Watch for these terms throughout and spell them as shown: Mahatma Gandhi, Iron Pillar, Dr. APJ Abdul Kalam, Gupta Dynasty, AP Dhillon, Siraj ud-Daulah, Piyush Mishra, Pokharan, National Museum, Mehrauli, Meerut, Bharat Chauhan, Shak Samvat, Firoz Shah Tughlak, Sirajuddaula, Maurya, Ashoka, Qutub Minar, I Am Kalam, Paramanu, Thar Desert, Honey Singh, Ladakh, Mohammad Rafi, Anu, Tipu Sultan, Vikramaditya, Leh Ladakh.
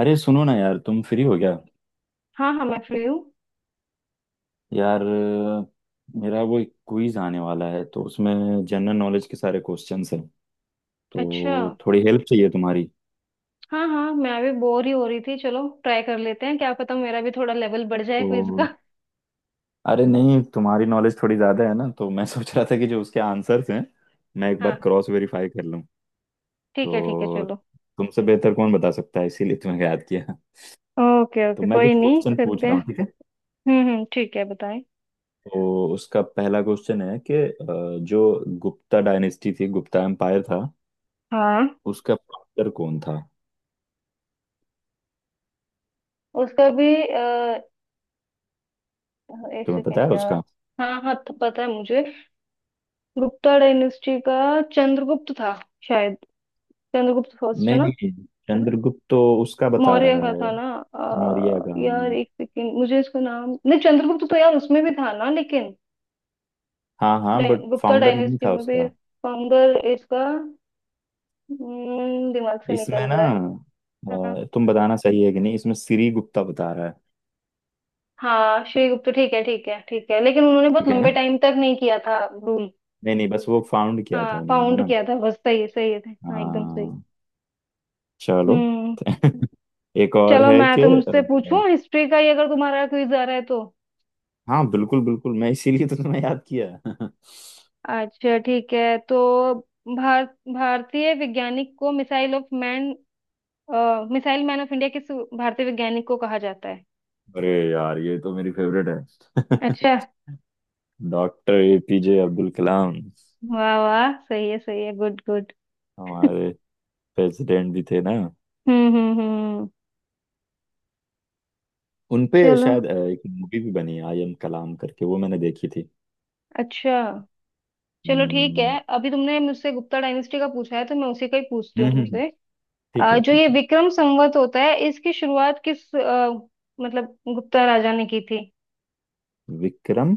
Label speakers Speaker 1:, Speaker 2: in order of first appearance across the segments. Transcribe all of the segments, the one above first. Speaker 1: अरे सुनो ना यार, तुम फ्री हो क्या?
Speaker 2: हाँ हाँ, मैं फ्री हूँ।
Speaker 1: यार मेरा वो एक क्विज आने वाला है, तो उसमें जनरल नॉलेज के सारे क्वेश्चंस हैं।
Speaker 2: अच्छा।
Speaker 1: तो थोड़ी हेल्प चाहिए तुम्हारी।
Speaker 2: हाँ हाँ, मैं भी बोर ही हो रही थी। चलो ट्राई कर लेते हैं, क्या पता मेरा भी थोड़ा लेवल बढ़ जाए
Speaker 1: तो
Speaker 2: क्विज का।
Speaker 1: अरे नहीं, तुम्हारी नॉलेज थोड़ी ज़्यादा है ना, तो मैं सोच रहा था कि जो उसके आंसर्स हैं मैं एक
Speaker 2: हाँ
Speaker 1: बार
Speaker 2: हाँ,
Speaker 1: क्रॉस वेरीफाई कर लूँ।
Speaker 2: ठीक है ठीक है,
Speaker 1: तो
Speaker 2: चलो।
Speaker 1: तुमसे बेहतर कौन बता सकता है, इसीलिए तुम्हें याद किया।
Speaker 2: ओके
Speaker 1: तो
Speaker 2: ओके,
Speaker 1: मैं
Speaker 2: कोई
Speaker 1: कुछ
Speaker 2: नहीं,
Speaker 1: क्वेश्चन पूछ
Speaker 2: करते हैं।
Speaker 1: रहा हूँ, ठीक है?
Speaker 2: हम्म, ठीक है, बताएं।
Speaker 1: तो उसका पहला क्वेश्चन है कि जो गुप्ता डायनेस्टी थी, गुप्ता एम्पायर था,
Speaker 2: हाँ,
Speaker 1: उसका फाउंडर कौन था?
Speaker 2: उसका भी एक
Speaker 1: तुम्हें
Speaker 2: सेकेंड
Speaker 1: पता है
Speaker 2: यार।
Speaker 1: उसका?
Speaker 2: हाँ हाँ, तो पता है मुझे गुप्ता डायनेस्टी का। चंद्रगुप्त था शायद। चंद्रगुप्त फर्स्ट है
Speaker 1: नहीं
Speaker 2: ना?
Speaker 1: नहीं, चंद्रगुप्त तो उसका बता
Speaker 2: मौर्य
Speaker 1: रहा
Speaker 2: का था
Speaker 1: है
Speaker 2: ना?
Speaker 1: मौर्य का।
Speaker 2: यार एक सेकेंड, मुझे इसका नाम नहीं। चंद्रगुप्त तो यार उसमें भी था ना लेकिन।
Speaker 1: हाँ हाँ, बट
Speaker 2: गुप्ता
Speaker 1: फाउंडर नहीं
Speaker 2: डायनेस्टी
Speaker 1: था
Speaker 2: में भी
Speaker 1: उसका।
Speaker 2: फाउंडर इसका। दिमाग से निकल
Speaker 1: इसमें ना
Speaker 2: रहा है। हाँ।
Speaker 1: तुम बताना सही है कि नहीं, इसमें श्री गुप्ता बता रहा है,
Speaker 2: हाँ श्री गुप्ता, ठीक है ठीक है ठीक है, लेकिन उन्होंने बहुत
Speaker 1: ठीक है ना?
Speaker 2: लंबे टाइम तक नहीं किया था रूल।
Speaker 1: नहीं नहीं, बस वो फाउंड किया था
Speaker 2: हाँ,
Speaker 1: उन्होंने, है
Speaker 2: फाउंड
Speaker 1: ना।
Speaker 2: किया था बस, सही है सही है। हाँ एकदम सही।
Speaker 1: हाँ चलो
Speaker 2: हम्म।
Speaker 1: एक और
Speaker 2: चलो
Speaker 1: है
Speaker 2: मैं
Speaker 1: कि
Speaker 2: तुमसे पूछूं हिस्ट्री का ही, अगर तुम्हारा क्विज आ रहा है तो।
Speaker 1: हाँ बिल्कुल बिल्कुल, मैं इसीलिए तो तुम्हें याद किया
Speaker 2: अच्छा ठीक है, तो भारतीय वैज्ञानिक को मिसाइल मैन ऑफ इंडिया किस भारतीय वैज्ञानिक को कहा जाता है?
Speaker 1: अरे यार, ये तो मेरी फेवरेट है
Speaker 2: अच्छा।
Speaker 1: Doctor APJ Abdul Kalam.
Speaker 2: वाह वाह, सही है सही है, गुड गुड।
Speaker 1: हमारे प्रेसिडेंट भी थे ना।
Speaker 2: हम्म।
Speaker 1: उनपे
Speaker 2: चलो।
Speaker 1: शायद एक मूवी भी बनी आई एम कलाम करके, वो मैंने देखी थी।
Speaker 2: अच्छा। चलो ठीक है।
Speaker 1: हम्म
Speaker 2: अभी तुमने मुझसे गुप्ता डायनेस्टी का पूछा है तो मैं उसी का ही पूछती
Speaker 1: हम्म,
Speaker 2: हूँ
Speaker 1: हम्म, हम्म,
Speaker 2: तुमसे।
Speaker 1: ठीक है
Speaker 2: जो ये
Speaker 1: ठीक है।
Speaker 2: विक्रम संवत होता है, इसकी शुरुआत किस मतलब गुप्ता राजा ने की थी?
Speaker 1: विक्रम।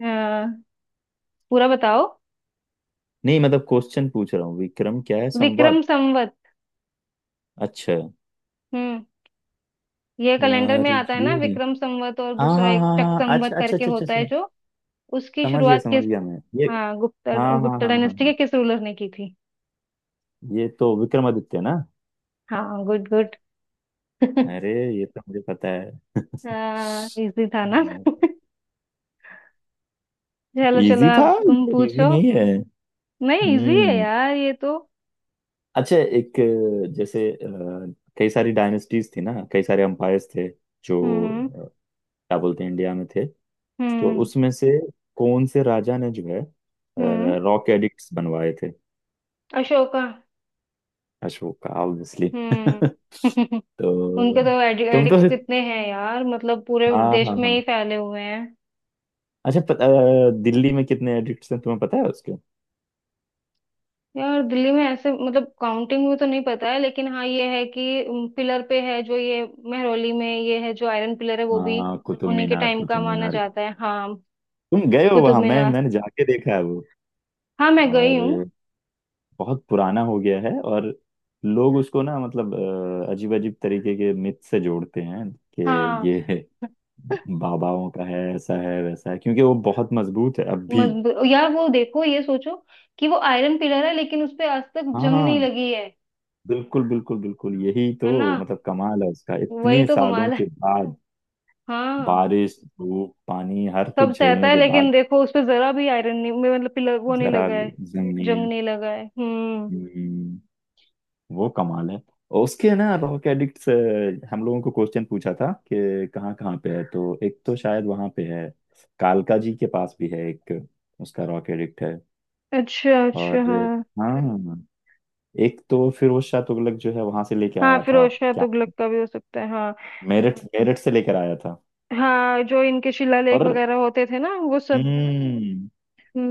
Speaker 2: आ, पूरा बताओ।
Speaker 1: नहीं मतलब क्वेश्चन पूछ रहा हूँ, विक्रम क्या है
Speaker 2: विक्रम
Speaker 1: संवाद?
Speaker 2: संवत।
Speaker 1: अच्छा।
Speaker 2: हम्म। ये कैलेंडर में
Speaker 1: यार
Speaker 2: आता है ना
Speaker 1: ये,
Speaker 2: विक्रम संवत, और
Speaker 1: हाँ
Speaker 2: दूसरा
Speaker 1: हाँ
Speaker 2: एक
Speaker 1: हाँ
Speaker 2: शक
Speaker 1: हाँ,
Speaker 2: संवत
Speaker 1: अच्छा अच्छा
Speaker 2: करके
Speaker 1: अच्छा अच्छा
Speaker 2: होता है
Speaker 1: अच्छा,
Speaker 2: जो, उसकी शुरुआत
Speaker 1: समझ
Speaker 2: किस,
Speaker 1: गया मैं ये।
Speaker 2: हाँ, गुप्ता
Speaker 1: हाँ हाँ
Speaker 2: गुप्ता
Speaker 1: हाँ हाँ
Speaker 2: डायनेस्टी के
Speaker 1: हाँ,
Speaker 2: किस रूलर ने की थी?
Speaker 1: ये तो विक्रमादित्य ना।
Speaker 2: हाँ गुड गुड।
Speaker 1: अरे, ये तो मुझे पता है
Speaker 2: हाँ इजी था ना? चलो चलो,
Speaker 1: इजी था?
Speaker 2: अब तुम
Speaker 1: इजी
Speaker 2: पूछो।
Speaker 1: नहीं है।
Speaker 2: नहीं इजी है
Speaker 1: हम्म।
Speaker 2: यार ये तो।
Speaker 1: अच्छा एक जैसे कई सारी डायनेस्टीज थी ना, कई सारे एम्पायर्स थे जो
Speaker 2: हम्म
Speaker 1: अ, क्या बोलते हैं, इंडिया में थे। तो
Speaker 2: हम्म
Speaker 1: उसमें से कौन से राजा ने जो है
Speaker 2: हम्म हम्म।
Speaker 1: रॉक एडिक्ट्स बनवाए थे?
Speaker 2: अशोका।
Speaker 1: अशोक, ऑब्वियसली
Speaker 2: हम्म। उनके
Speaker 1: तो
Speaker 2: तो
Speaker 1: तुम तो,
Speaker 2: एडिक्ट्स
Speaker 1: हम्म,
Speaker 2: कितने हैं यार, मतलब पूरे
Speaker 1: हाँ
Speaker 2: देश
Speaker 1: हाँ
Speaker 2: में ही
Speaker 1: हाँ।
Speaker 2: फैले हुए हैं।
Speaker 1: अच्छा दिल्ली में कितने एडिक्ट्स हैं तुम्हें पता है उसके?
Speaker 2: यार दिल्ली में ऐसे मतलब काउंटिंग में तो नहीं पता है, लेकिन हाँ ये है कि पिलर पे है जो ये, महरौली में ये है जो आयरन पिलर है, वो भी
Speaker 1: हाँ, कुतुब
Speaker 2: उन्हीं के
Speaker 1: मीनार,
Speaker 2: टाइम का
Speaker 1: कुतुब
Speaker 2: माना
Speaker 1: मीनार।
Speaker 2: जाता है हाँ।
Speaker 1: तुम गए हो
Speaker 2: कुतुब
Speaker 1: वहां? मैं
Speaker 2: मीनार।
Speaker 1: मैंने जाके देखा है वो।
Speaker 2: हाँ मैं गई हूँ।
Speaker 1: और बहुत पुराना हो गया है। और लोग उसको ना मतलब अजीब अजीब तरीके के मिथ से जोड़ते हैं कि
Speaker 2: हाँ।
Speaker 1: ये बाबाओं का है, ऐसा है वैसा है, क्योंकि वो बहुत मजबूत है अब भी।
Speaker 2: मजबूत यार, वो देखो, ये सोचो कि वो आयरन पिलर है लेकिन उस पे आज तक जंग नहीं
Speaker 1: हाँ
Speaker 2: लगी है।
Speaker 1: बिल्कुल बिल्कुल बिल्कुल, यही
Speaker 2: है
Speaker 1: तो।
Speaker 2: ना?
Speaker 1: मतलब कमाल है उसका,
Speaker 2: वही
Speaker 1: इतने
Speaker 2: तो
Speaker 1: सालों
Speaker 2: कमाल
Speaker 1: के
Speaker 2: है।
Speaker 1: बाद,
Speaker 2: हाँ,
Speaker 1: बारिश धूप पानी हर
Speaker 2: सब
Speaker 1: कुछ
Speaker 2: सहता
Speaker 1: झेलने
Speaker 2: है,
Speaker 1: के
Speaker 2: लेकिन
Speaker 1: बाद।
Speaker 2: देखो उस पे जरा भी आयरन नहीं, मतलब पिलर वो नहीं
Speaker 1: जरा
Speaker 2: लगा है, जंग
Speaker 1: जमीन।
Speaker 2: नहीं लगा है। हम्म।
Speaker 1: हम्म, वो कमाल है। और उसके ना रॉक एडिक्ट से हम लोगों को क्वेश्चन पूछा था कि कहाँ कहाँ पे है, तो एक तो शायद वहाँ पे है, कालका जी के पास भी है एक, उसका रॉक एडिक्ट है।
Speaker 2: अच्छा
Speaker 1: और
Speaker 2: अच्छा, हाँ।
Speaker 1: हाँ, एक तो फिरोज शाह तुगलक जो है वहां से लेके
Speaker 2: हाँ
Speaker 1: आया था।
Speaker 2: फिरोज शाह
Speaker 1: क्या,
Speaker 2: तुगलक का भी हो सकता है हाँ।
Speaker 1: मेरठ? मेरठ से लेकर आया था।
Speaker 2: हाँ, जो इनके शिलालेख
Speaker 1: और
Speaker 2: वगैरह होते थे ना वो सब।
Speaker 1: हम्म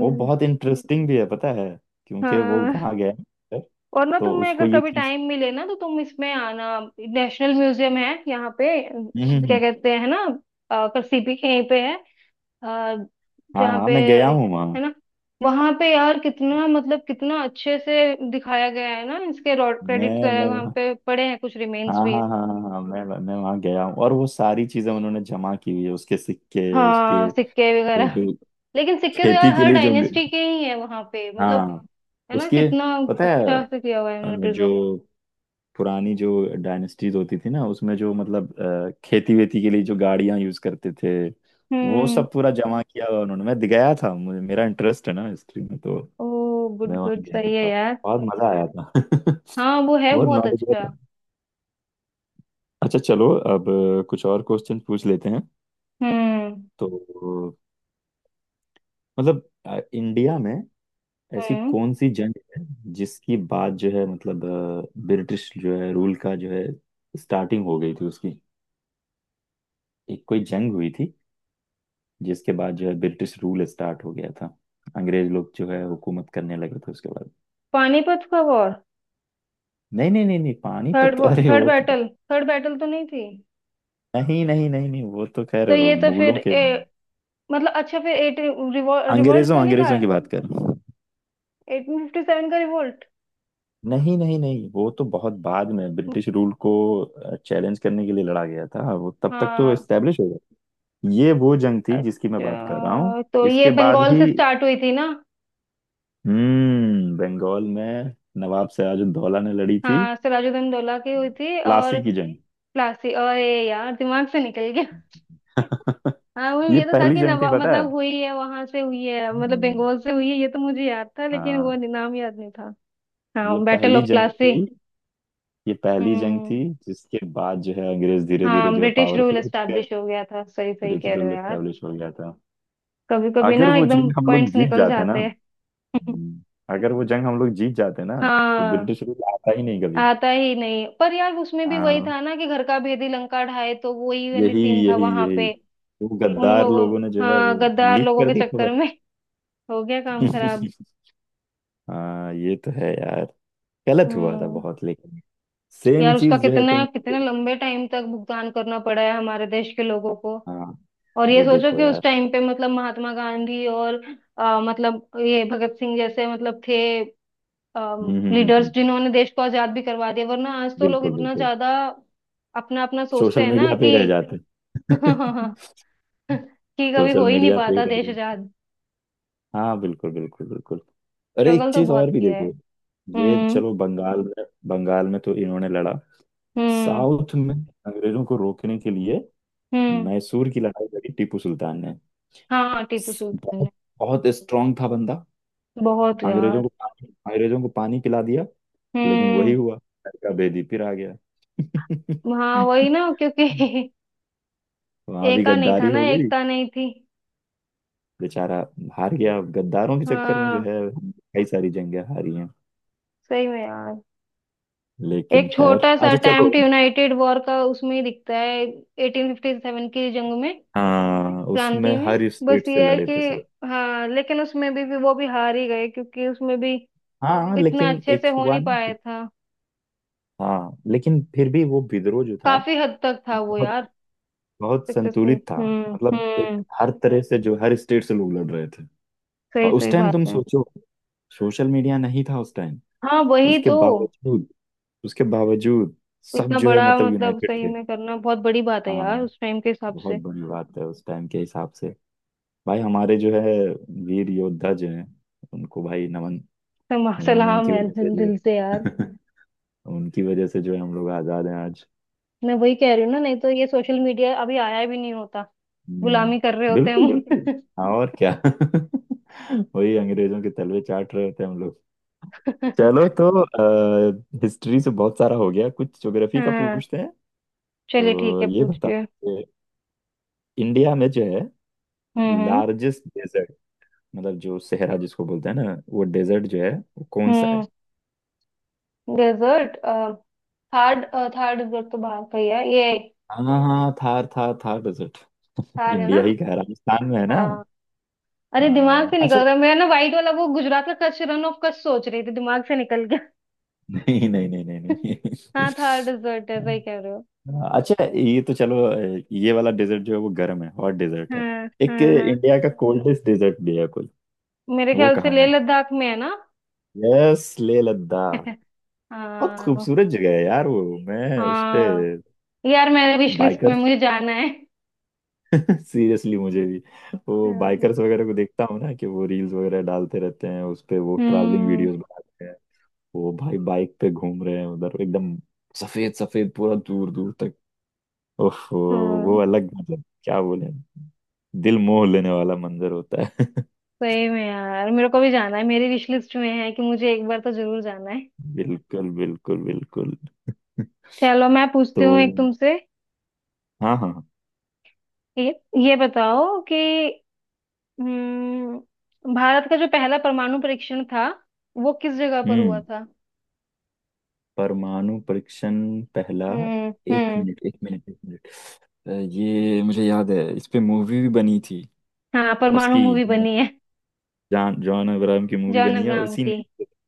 Speaker 1: वो बहुत इंटरेस्टिंग भी है, पता है? क्योंकि वो
Speaker 2: हाँ,
Speaker 1: वहां गया है,
Speaker 2: और ना
Speaker 1: तो
Speaker 2: तुम्हें
Speaker 1: उसको
Speaker 2: अगर
Speaker 1: ये
Speaker 2: कभी
Speaker 1: चीज।
Speaker 2: टाइम मिले ना, तो तुम इसमें आना, नेशनल म्यूजियम है यहाँ पे,
Speaker 1: हम्म हम्म,
Speaker 2: क्या
Speaker 1: हम्म,
Speaker 2: कहते हैं ना, सीपी के यहीं पे है, अ,
Speaker 1: हाँ
Speaker 2: जहाँ
Speaker 1: हाँ
Speaker 2: पे
Speaker 1: मैं गया हूँ वहाँ।
Speaker 2: है ना। वहां पे यार कितना मतलब, कितना अच्छे से दिखाया गया है ना, इसके रॉड क्रेडिट्स
Speaker 1: मैं
Speaker 2: वगैरह
Speaker 1: मैं
Speaker 2: वहाँ पे पड़े हैं, कुछ
Speaker 1: हाँ
Speaker 2: रिमेन्स भी है।
Speaker 1: हाँ हाँ हाँ हाँ, मैं वहाँ गया हूँ, और वो सारी चीजें उन्होंने जमा की हुई है। उसके सिक्के, उसके
Speaker 2: हाँ सिक्के
Speaker 1: वो
Speaker 2: वगैरह।
Speaker 1: जो
Speaker 2: लेकिन सिक्के तो यार
Speaker 1: खेती के
Speaker 2: हर
Speaker 1: लिए जो,
Speaker 2: डायनेस्टी के ही है वहां पे मतलब,
Speaker 1: हाँ,
Speaker 2: है ना,
Speaker 1: उसके,
Speaker 2: कितना
Speaker 1: पता है
Speaker 2: अच्छा से किया हुआ है उन्होंने प्रिजर्व।
Speaker 1: जो पुरानी जो डायनेस्टीज होती थी ना, उसमें जो मतलब खेती वेती के लिए जो गाड़ियां यूज करते थे, वो
Speaker 2: हम्म।
Speaker 1: सब पूरा जमा किया हुआ उन्होंने। मैं गया था, मुझे, मेरा इंटरेस्ट है ना हिस्ट्री में, तो
Speaker 2: ओ, गुड
Speaker 1: मैं वहाँ
Speaker 2: गुड
Speaker 1: गया
Speaker 2: सही है
Speaker 1: था,
Speaker 2: यार।
Speaker 1: बहुत मजा आया था
Speaker 2: हाँ वो है
Speaker 1: बहुत
Speaker 2: बहुत
Speaker 1: नॉलेज
Speaker 2: अच्छा।
Speaker 1: था। अच्छा चलो, अब कुछ और क्वेश्चन पूछ लेते हैं।
Speaker 2: हम्म
Speaker 1: तो मतलब इंडिया में ऐसी
Speaker 2: हम्म।
Speaker 1: कौन सी जंग है जिसकी बात जो है मतलब ब्रिटिश जो है रूल का जो है स्टार्टिंग हो गई थी उसकी? एक कोई जंग हुई थी जिसके बाद जो है ब्रिटिश रूल स्टार्ट हो गया था, अंग्रेज लोग जो है हुकूमत करने लगे थे उसके बाद।
Speaker 2: पानीपत का वॉर।
Speaker 1: नहीं नहीं नहीं नहीं, पानीपत तो,
Speaker 2: थर्ड
Speaker 1: अरे
Speaker 2: थर्ड
Speaker 1: वो तो।
Speaker 2: बैटल थर्ड बैटल तो नहीं थी।
Speaker 1: नहीं नहीं नहीं नहीं, वो तो
Speaker 2: तो
Speaker 1: खैर
Speaker 2: ये तो फिर
Speaker 1: मुगलों के।
Speaker 2: मतलब अच्छा, फिर एट रिवोल्ट
Speaker 1: अंग्रेजों
Speaker 2: तो नहीं था?
Speaker 1: अंग्रेजों की बात कर।
Speaker 2: 1857 का रिवोल्ट।
Speaker 1: नहीं नहीं नहीं, वो तो बहुत बाद में ब्रिटिश रूल को चैलेंज करने के लिए लड़ा गया था, वो तब तक तो
Speaker 2: हाँ।
Speaker 1: एस्टेब्लिश हो गया। ये वो जंग थी जिसकी मैं बात कर रहा हूँ,
Speaker 2: अच्छा, तो ये
Speaker 1: इसके बाद
Speaker 2: बंगाल
Speaker 1: ही।
Speaker 2: से स्टार्ट हुई थी ना?
Speaker 1: हम्म, बंगाल में नवाब सिराजुद्दौला ने लड़ी थी,
Speaker 2: हाँ, सिराजुद्दौला दौला की हुई थी, और
Speaker 1: प्लासी की जंग।
Speaker 2: प्लासी, और ये यार दिमाग से निकल गया। हाँ, वो
Speaker 1: ये
Speaker 2: ये तो था
Speaker 1: पहली
Speaker 2: कि
Speaker 1: जंग थी,
Speaker 2: नवा
Speaker 1: पता है?
Speaker 2: मतलब हुई है वहां से, हुई है मतलब
Speaker 1: हम्म,
Speaker 2: बंगाल से हुई है, ये तो मुझे याद था लेकिन वो
Speaker 1: हाँ,
Speaker 2: नाम याद नहीं था।
Speaker 1: ये
Speaker 2: हाँ, बैटल
Speaker 1: पहली
Speaker 2: ऑफ
Speaker 1: जंग
Speaker 2: प्लासी।
Speaker 1: थी। ये पहली जंग थी
Speaker 2: हम्म।
Speaker 1: जिसके बाद जो है अंग्रेज धीरे
Speaker 2: हाँ,
Speaker 1: धीरे जो है
Speaker 2: ब्रिटिश रूल
Speaker 1: पावरफुल होते गए।
Speaker 2: एस्टैब्लिश हो गया था। सही सही कह
Speaker 1: ब्रिटिश
Speaker 2: रहे
Speaker 1: रूल
Speaker 2: हो यार,
Speaker 1: एस्टेब्लिश हो गया था।
Speaker 2: कभी कभी
Speaker 1: अगर
Speaker 2: ना
Speaker 1: वो
Speaker 2: एकदम
Speaker 1: जंग हम लोग
Speaker 2: पॉइंट्स
Speaker 1: जीत
Speaker 2: निकल
Speaker 1: जाते ना,
Speaker 2: जाते हैं।
Speaker 1: हम्म, अगर वो जंग हम लोग जीत जाते ना, तो
Speaker 2: हाँ,
Speaker 1: ब्रिटिश रूल आता ही नहीं कभी।
Speaker 2: आता ही नहीं, पर यार उसमें भी वही
Speaker 1: हाँ,
Speaker 2: था ना कि घर का भेदी लंका ढाए, तो वही वाली
Speaker 1: यही
Speaker 2: सीन था
Speaker 1: यही
Speaker 2: वहां
Speaker 1: यही,
Speaker 2: पे।
Speaker 1: वो
Speaker 2: उन
Speaker 1: गद्दार
Speaker 2: लोगों,
Speaker 1: लोगों ने जो है
Speaker 2: हाँ
Speaker 1: वो
Speaker 2: गद्दार
Speaker 1: लीक
Speaker 2: लोगों
Speaker 1: कर
Speaker 2: के
Speaker 1: दी
Speaker 2: चक्कर
Speaker 1: खबर।
Speaker 2: में हो गया काम खराब।
Speaker 1: हाँ ये तो है यार, गलत हुआ था
Speaker 2: हम्म।
Speaker 1: बहुत, लेकिन सेम
Speaker 2: यार उसका
Speaker 1: चीज जो है
Speaker 2: कितना
Speaker 1: तुम।
Speaker 2: कितना लंबे टाइम तक भुगतान करना पड़ा है हमारे देश के लोगों को।
Speaker 1: हाँ,
Speaker 2: और ये
Speaker 1: वो
Speaker 2: सोचो
Speaker 1: देखो
Speaker 2: कि उस
Speaker 1: यार।
Speaker 2: टाइम पे मतलब महात्मा गांधी और मतलब ये भगत सिंह जैसे मतलब थे
Speaker 1: हम्म हम्म हम्म
Speaker 2: लीडर्स,
Speaker 1: हम्म,
Speaker 2: जिन्होंने देश को आजाद भी करवा दिया, वरना आज तो लोग
Speaker 1: बिल्कुल बिल्कुल।
Speaker 2: इतना ज्यादा अपना अपना सोचते
Speaker 1: सोशल
Speaker 2: हैं ना,
Speaker 1: मीडिया पे ही
Speaker 2: कि
Speaker 1: रह जाते
Speaker 2: कि कभी
Speaker 1: सोशल
Speaker 2: हो ही नहीं
Speaker 1: मीडिया पे ही
Speaker 2: पाता
Speaker 1: रह
Speaker 2: देश
Speaker 1: जाते।
Speaker 2: आजाद।
Speaker 1: हाँ बिल्कुल बिल्कुल बिल्कुल। अरे, एक
Speaker 2: स्ट्रगल तो
Speaker 1: चीज और
Speaker 2: बहुत
Speaker 1: भी
Speaker 2: किया है।
Speaker 1: देखो। ये
Speaker 2: हम्म
Speaker 1: चलो, बंगाल में, बंगाल में तो इन्होंने लड़ा।
Speaker 2: हम्म
Speaker 1: साउथ में अंग्रेजों को रोकने के लिए
Speaker 2: हम्म।
Speaker 1: मैसूर की लड़ाई लड़ी टीपू सुल्तान ने।
Speaker 2: हाँ टीपू सुल्तान ने।
Speaker 1: बहुत बहुत स्ट्रांग था बंदा।
Speaker 2: बहुत
Speaker 1: अंग्रेजों
Speaker 2: यार।
Speaker 1: को पानी, अंग्रेजों को पानी पिला दिया। लेकिन वही
Speaker 2: हम्म।
Speaker 1: हुआ, लड़का बेदी फिर आ गया
Speaker 2: हाँ वही ना क्योंकि
Speaker 1: वहां भी
Speaker 2: एका नहीं था
Speaker 1: गद्दारी
Speaker 2: ना,
Speaker 1: हो गई।
Speaker 2: एकता नहीं थी।
Speaker 1: बेचारा हार गया, गद्दारों के चक्कर में जो
Speaker 2: हाँ।
Speaker 1: है कई सारी जंगें हारी हैं।
Speaker 2: सही में यार।
Speaker 1: लेकिन
Speaker 2: एक
Speaker 1: खैर,
Speaker 2: छोटा सा
Speaker 1: अच्छा चलो।
Speaker 2: अटेम्प्ट यूनाइटेड वॉर का उसमें ही दिखता है, 1857 की जंग में,
Speaker 1: हाँ,
Speaker 2: क्रांति
Speaker 1: उसमें
Speaker 2: में।
Speaker 1: हर स्टेट
Speaker 2: बस
Speaker 1: से
Speaker 2: ये है
Speaker 1: लड़े थे सब।
Speaker 2: कि हाँ, लेकिन उसमें भी वो भी हार ही गए, क्योंकि उसमें भी
Speaker 1: हाँ
Speaker 2: इतना
Speaker 1: लेकिन
Speaker 2: अच्छे से
Speaker 1: एक
Speaker 2: हो
Speaker 1: हुआ
Speaker 2: नहीं
Speaker 1: ना,
Speaker 2: पाया था।
Speaker 1: हाँ लेकिन फिर भी वो विद्रोह जो था
Speaker 2: काफी हद तक था वो
Speaker 1: बहुत
Speaker 2: यार।
Speaker 1: बहुत
Speaker 2: सक्सेसफुल।
Speaker 1: संतुलित था। मतलब एक
Speaker 2: हम्म।
Speaker 1: हर तरह से जो, हर स्टेट से लोग लड़ रहे थे।
Speaker 2: सही
Speaker 1: और उस
Speaker 2: सही
Speaker 1: टाइम
Speaker 2: बात
Speaker 1: तुम
Speaker 2: है।
Speaker 1: सोचो, सोशल मीडिया नहीं था उस टाइम।
Speaker 2: हाँ वही
Speaker 1: उसके
Speaker 2: तो।
Speaker 1: बावजूद, उसके बावजूद, सब
Speaker 2: इतना
Speaker 1: जो है
Speaker 2: बड़ा
Speaker 1: मतलब
Speaker 2: मतलब
Speaker 1: यूनाइटेड
Speaker 2: सही
Speaker 1: थे।
Speaker 2: में करना बहुत बड़ी बात है
Speaker 1: हाँ,
Speaker 2: यार उस टाइम के हिसाब
Speaker 1: बहुत
Speaker 2: से।
Speaker 1: बड़ी बात है उस टाइम के हिसाब से। भाई हमारे जो है वीर योद्धा जो हैं, उनको भाई नमन। उन्होंने,
Speaker 2: सलाम
Speaker 1: उनकी
Speaker 2: है
Speaker 1: वजह से
Speaker 2: दिल
Speaker 1: जो
Speaker 2: दिल से यार।
Speaker 1: है उनकी वजह से जो है हम लोग आजाद हैं आज।
Speaker 2: मैं वही कह रही हूँ ना, नहीं तो ये सोशल मीडिया अभी आया भी नहीं होता, गुलामी कर रहे
Speaker 1: हम्म,
Speaker 2: होते हैं
Speaker 1: बिल्कुल बिल्कुल।
Speaker 2: हम।
Speaker 1: हाँ और क्या वही अंग्रेजों के तलवे चाट रहे होते हैं हम लोग। चलो तो, हिस्ट्री से बहुत सारा हो गया, कुछ ज्योग्राफी का
Speaker 2: हाँ।
Speaker 1: पूछते हैं।
Speaker 2: चलिए ठीक है,
Speaker 1: तो ये बताओ
Speaker 2: पूछिए।
Speaker 1: कि इंडिया में जो है
Speaker 2: हम्म हम्म
Speaker 1: लार्जेस्ट डेजर्ट, मतलब जो सहरा जिसको बोलते हैं ना वो डेजर्ट जो है, वो कौन सा है?
Speaker 2: हम्म। डेजर्ट। थार्ड, थार्ड डेजर्ट तो बाहर का ही है ये।
Speaker 1: हाँ हाँ, थार, थार, थार डेजर्ट
Speaker 2: थार है ना?
Speaker 1: इंडिया ही कह, राजस्थान में है ना?
Speaker 2: हाँ। अरे दिमाग
Speaker 1: हाँ,
Speaker 2: से निकल
Speaker 1: अच्छा
Speaker 2: रहा है, मैं ना वाइट वाला वो गुजरात का कच्छ, रन ऑफ कच्छ सोच रही थी, दिमाग से निकल गया।
Speaker 1: नहीं नहीं नहीं नहीं नहीं
Speaker 2: हाँ थार डेजर्ट है, सही कह रहे हो।
Speaker 1: हाँ, अच्छा ये तो चलो, ये वाला डेजर्ट जो है वो गर्म है, हॉट डेजर्ट है।
Speaker 2: हाँ
Speaker 1: एक
Speaker 2: हाँ हाँ।
Speaker 1: इंडिया का कोल्डेस्ट डेजर्ट भी है कोई,
Speaker 2: मेरे
Speaker 1: वो
Speaker 2: ख्याल से
Speaker 1: कहाँ
Speaker 2: लेह
Speaker 1: है?
Speaker 2: लद्दाख में है ना?
Speaker 1: यस, लेह लद्दाख। बहुत
Speaker 2: हाँ
Speaker 1: खूबसूरत जगह है यार वो। मैं उस पे,
Speaker 2: हाँ। यार, मैंने विश लिस्ट में,
Speaker 1: बाइकर्स
Speaker 2: मुझे जाना है।
Speaker 1: सीरियसली मुझे भी, वो बाइकर्स वगैरह को देखता हूँ ना कि वो रील्स वगैरह डालते रहते हैं उस पे, वो ट्रैवलिंग
Speaker 2: हम्म
Speaker 1: वीडियोस बनाते हैं। वो भाई बाइक पे घूम रहे हैं उधर एकदम, सफेद सफेद पूरा, दूर दूर तक। उफ, वो
Speaker 2: हम्म।
Speaker 1: अलग, मतलब क्या बोले, दिल मोह लेने वाला मंजर होता है
Speaker 2: सही में यार मेरे को भी जाना है, मेरी विश लिस्ट में है कि मुझे एक बार तो जरूर जाना है।
Speaker 1: बिल्कुल बिल्कुल बिल्कुल।
Speaker 2: चलो मैं
Speaker 1: तो
Speaker 2: पूछती हूँ एक तुमसे।
Speaker 1: हाँ हाँ हाँ।
Speaker 2: ये ये बताओ कि, भारत का जो पहला परमाणु परीक्षण था, वो किस जगह पर हुआ
Speaker 1: हम्म,
Speaker 2: था?
Speaker 1: परमाणु परीक्षण, पहला। एक
Speaker 2: हम्म।
Speaker 1: मिनट एक मिनट एक मिनट, ये मुझे याद है, इस पे मूवी भी बनी थी
Speaker 2: हाँ परमाणु
Speaker 1: उसकी।
Speaker 2: मूवी बनी है।
Speaker 1: जॉन जॉन अब्राहम की मूवी
Speaker 2: जॉन
Speaker 1: बनी है
Speaker 2: अब्राहम
Speaker 1: उसी
Speaker 2: की।
Speaker 1: ने,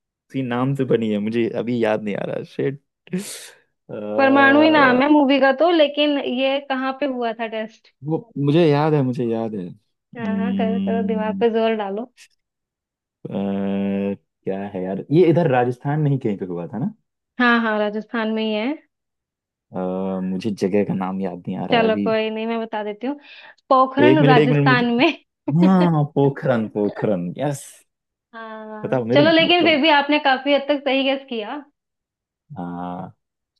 Speaker 1: उसी नाम से बनी है, मुझे अभी याद नहीं आ रहा, शिट।
Speaker 2: परमाणु ही नाम है मूवी का तो, लेकिन ये कहाँ पे हुआ था टेस्ट?
Speaker 1: वो मुझे याद है, मुझे याद है,
Speaker 2: हाँ हाँ, करो करो, दिमाग पे जोर डालो।
Speaker 1: अ, क्या है यार, ये इधर राजस्थान नहीं कहीं पे हुआ था ना,
Speaker 2: हाँ हाँ, राजस्थान में ही है।
Speaker 1: मुझे जगह का नाम याद नहीं आ रहा है
Speaker 2: चलो
Speaker 1: अभी।
Speaker 2: कोई नहीं, मैं बता देती हूँ। पोखरण,
Speaker 1: एक मिनट मुझे।
Speaker 2: राजस्थान में।
Speaker 1: हाँ, पोखरन पोखरन, यस।
Speaker 2: हाँ
Speaker 1: बताओ मेरे
Speaker 2: चलो, लेकिन फिर
Speaker 1: मतलब।
Speaker 2: भी आपने काफी हद तक सही गेस किया।
Speaker 1: हाँ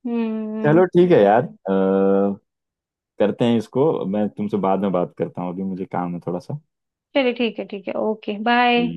Speaker 2: हम्म।
Speaker 1: चलो ठीक है यार, करते हैं इसको, मैं तुमसे बाद में बात करता हूँ, अभी मुझे काम है।
Speaker 2: चलिए ठीक है ठीक है, ओके बाय।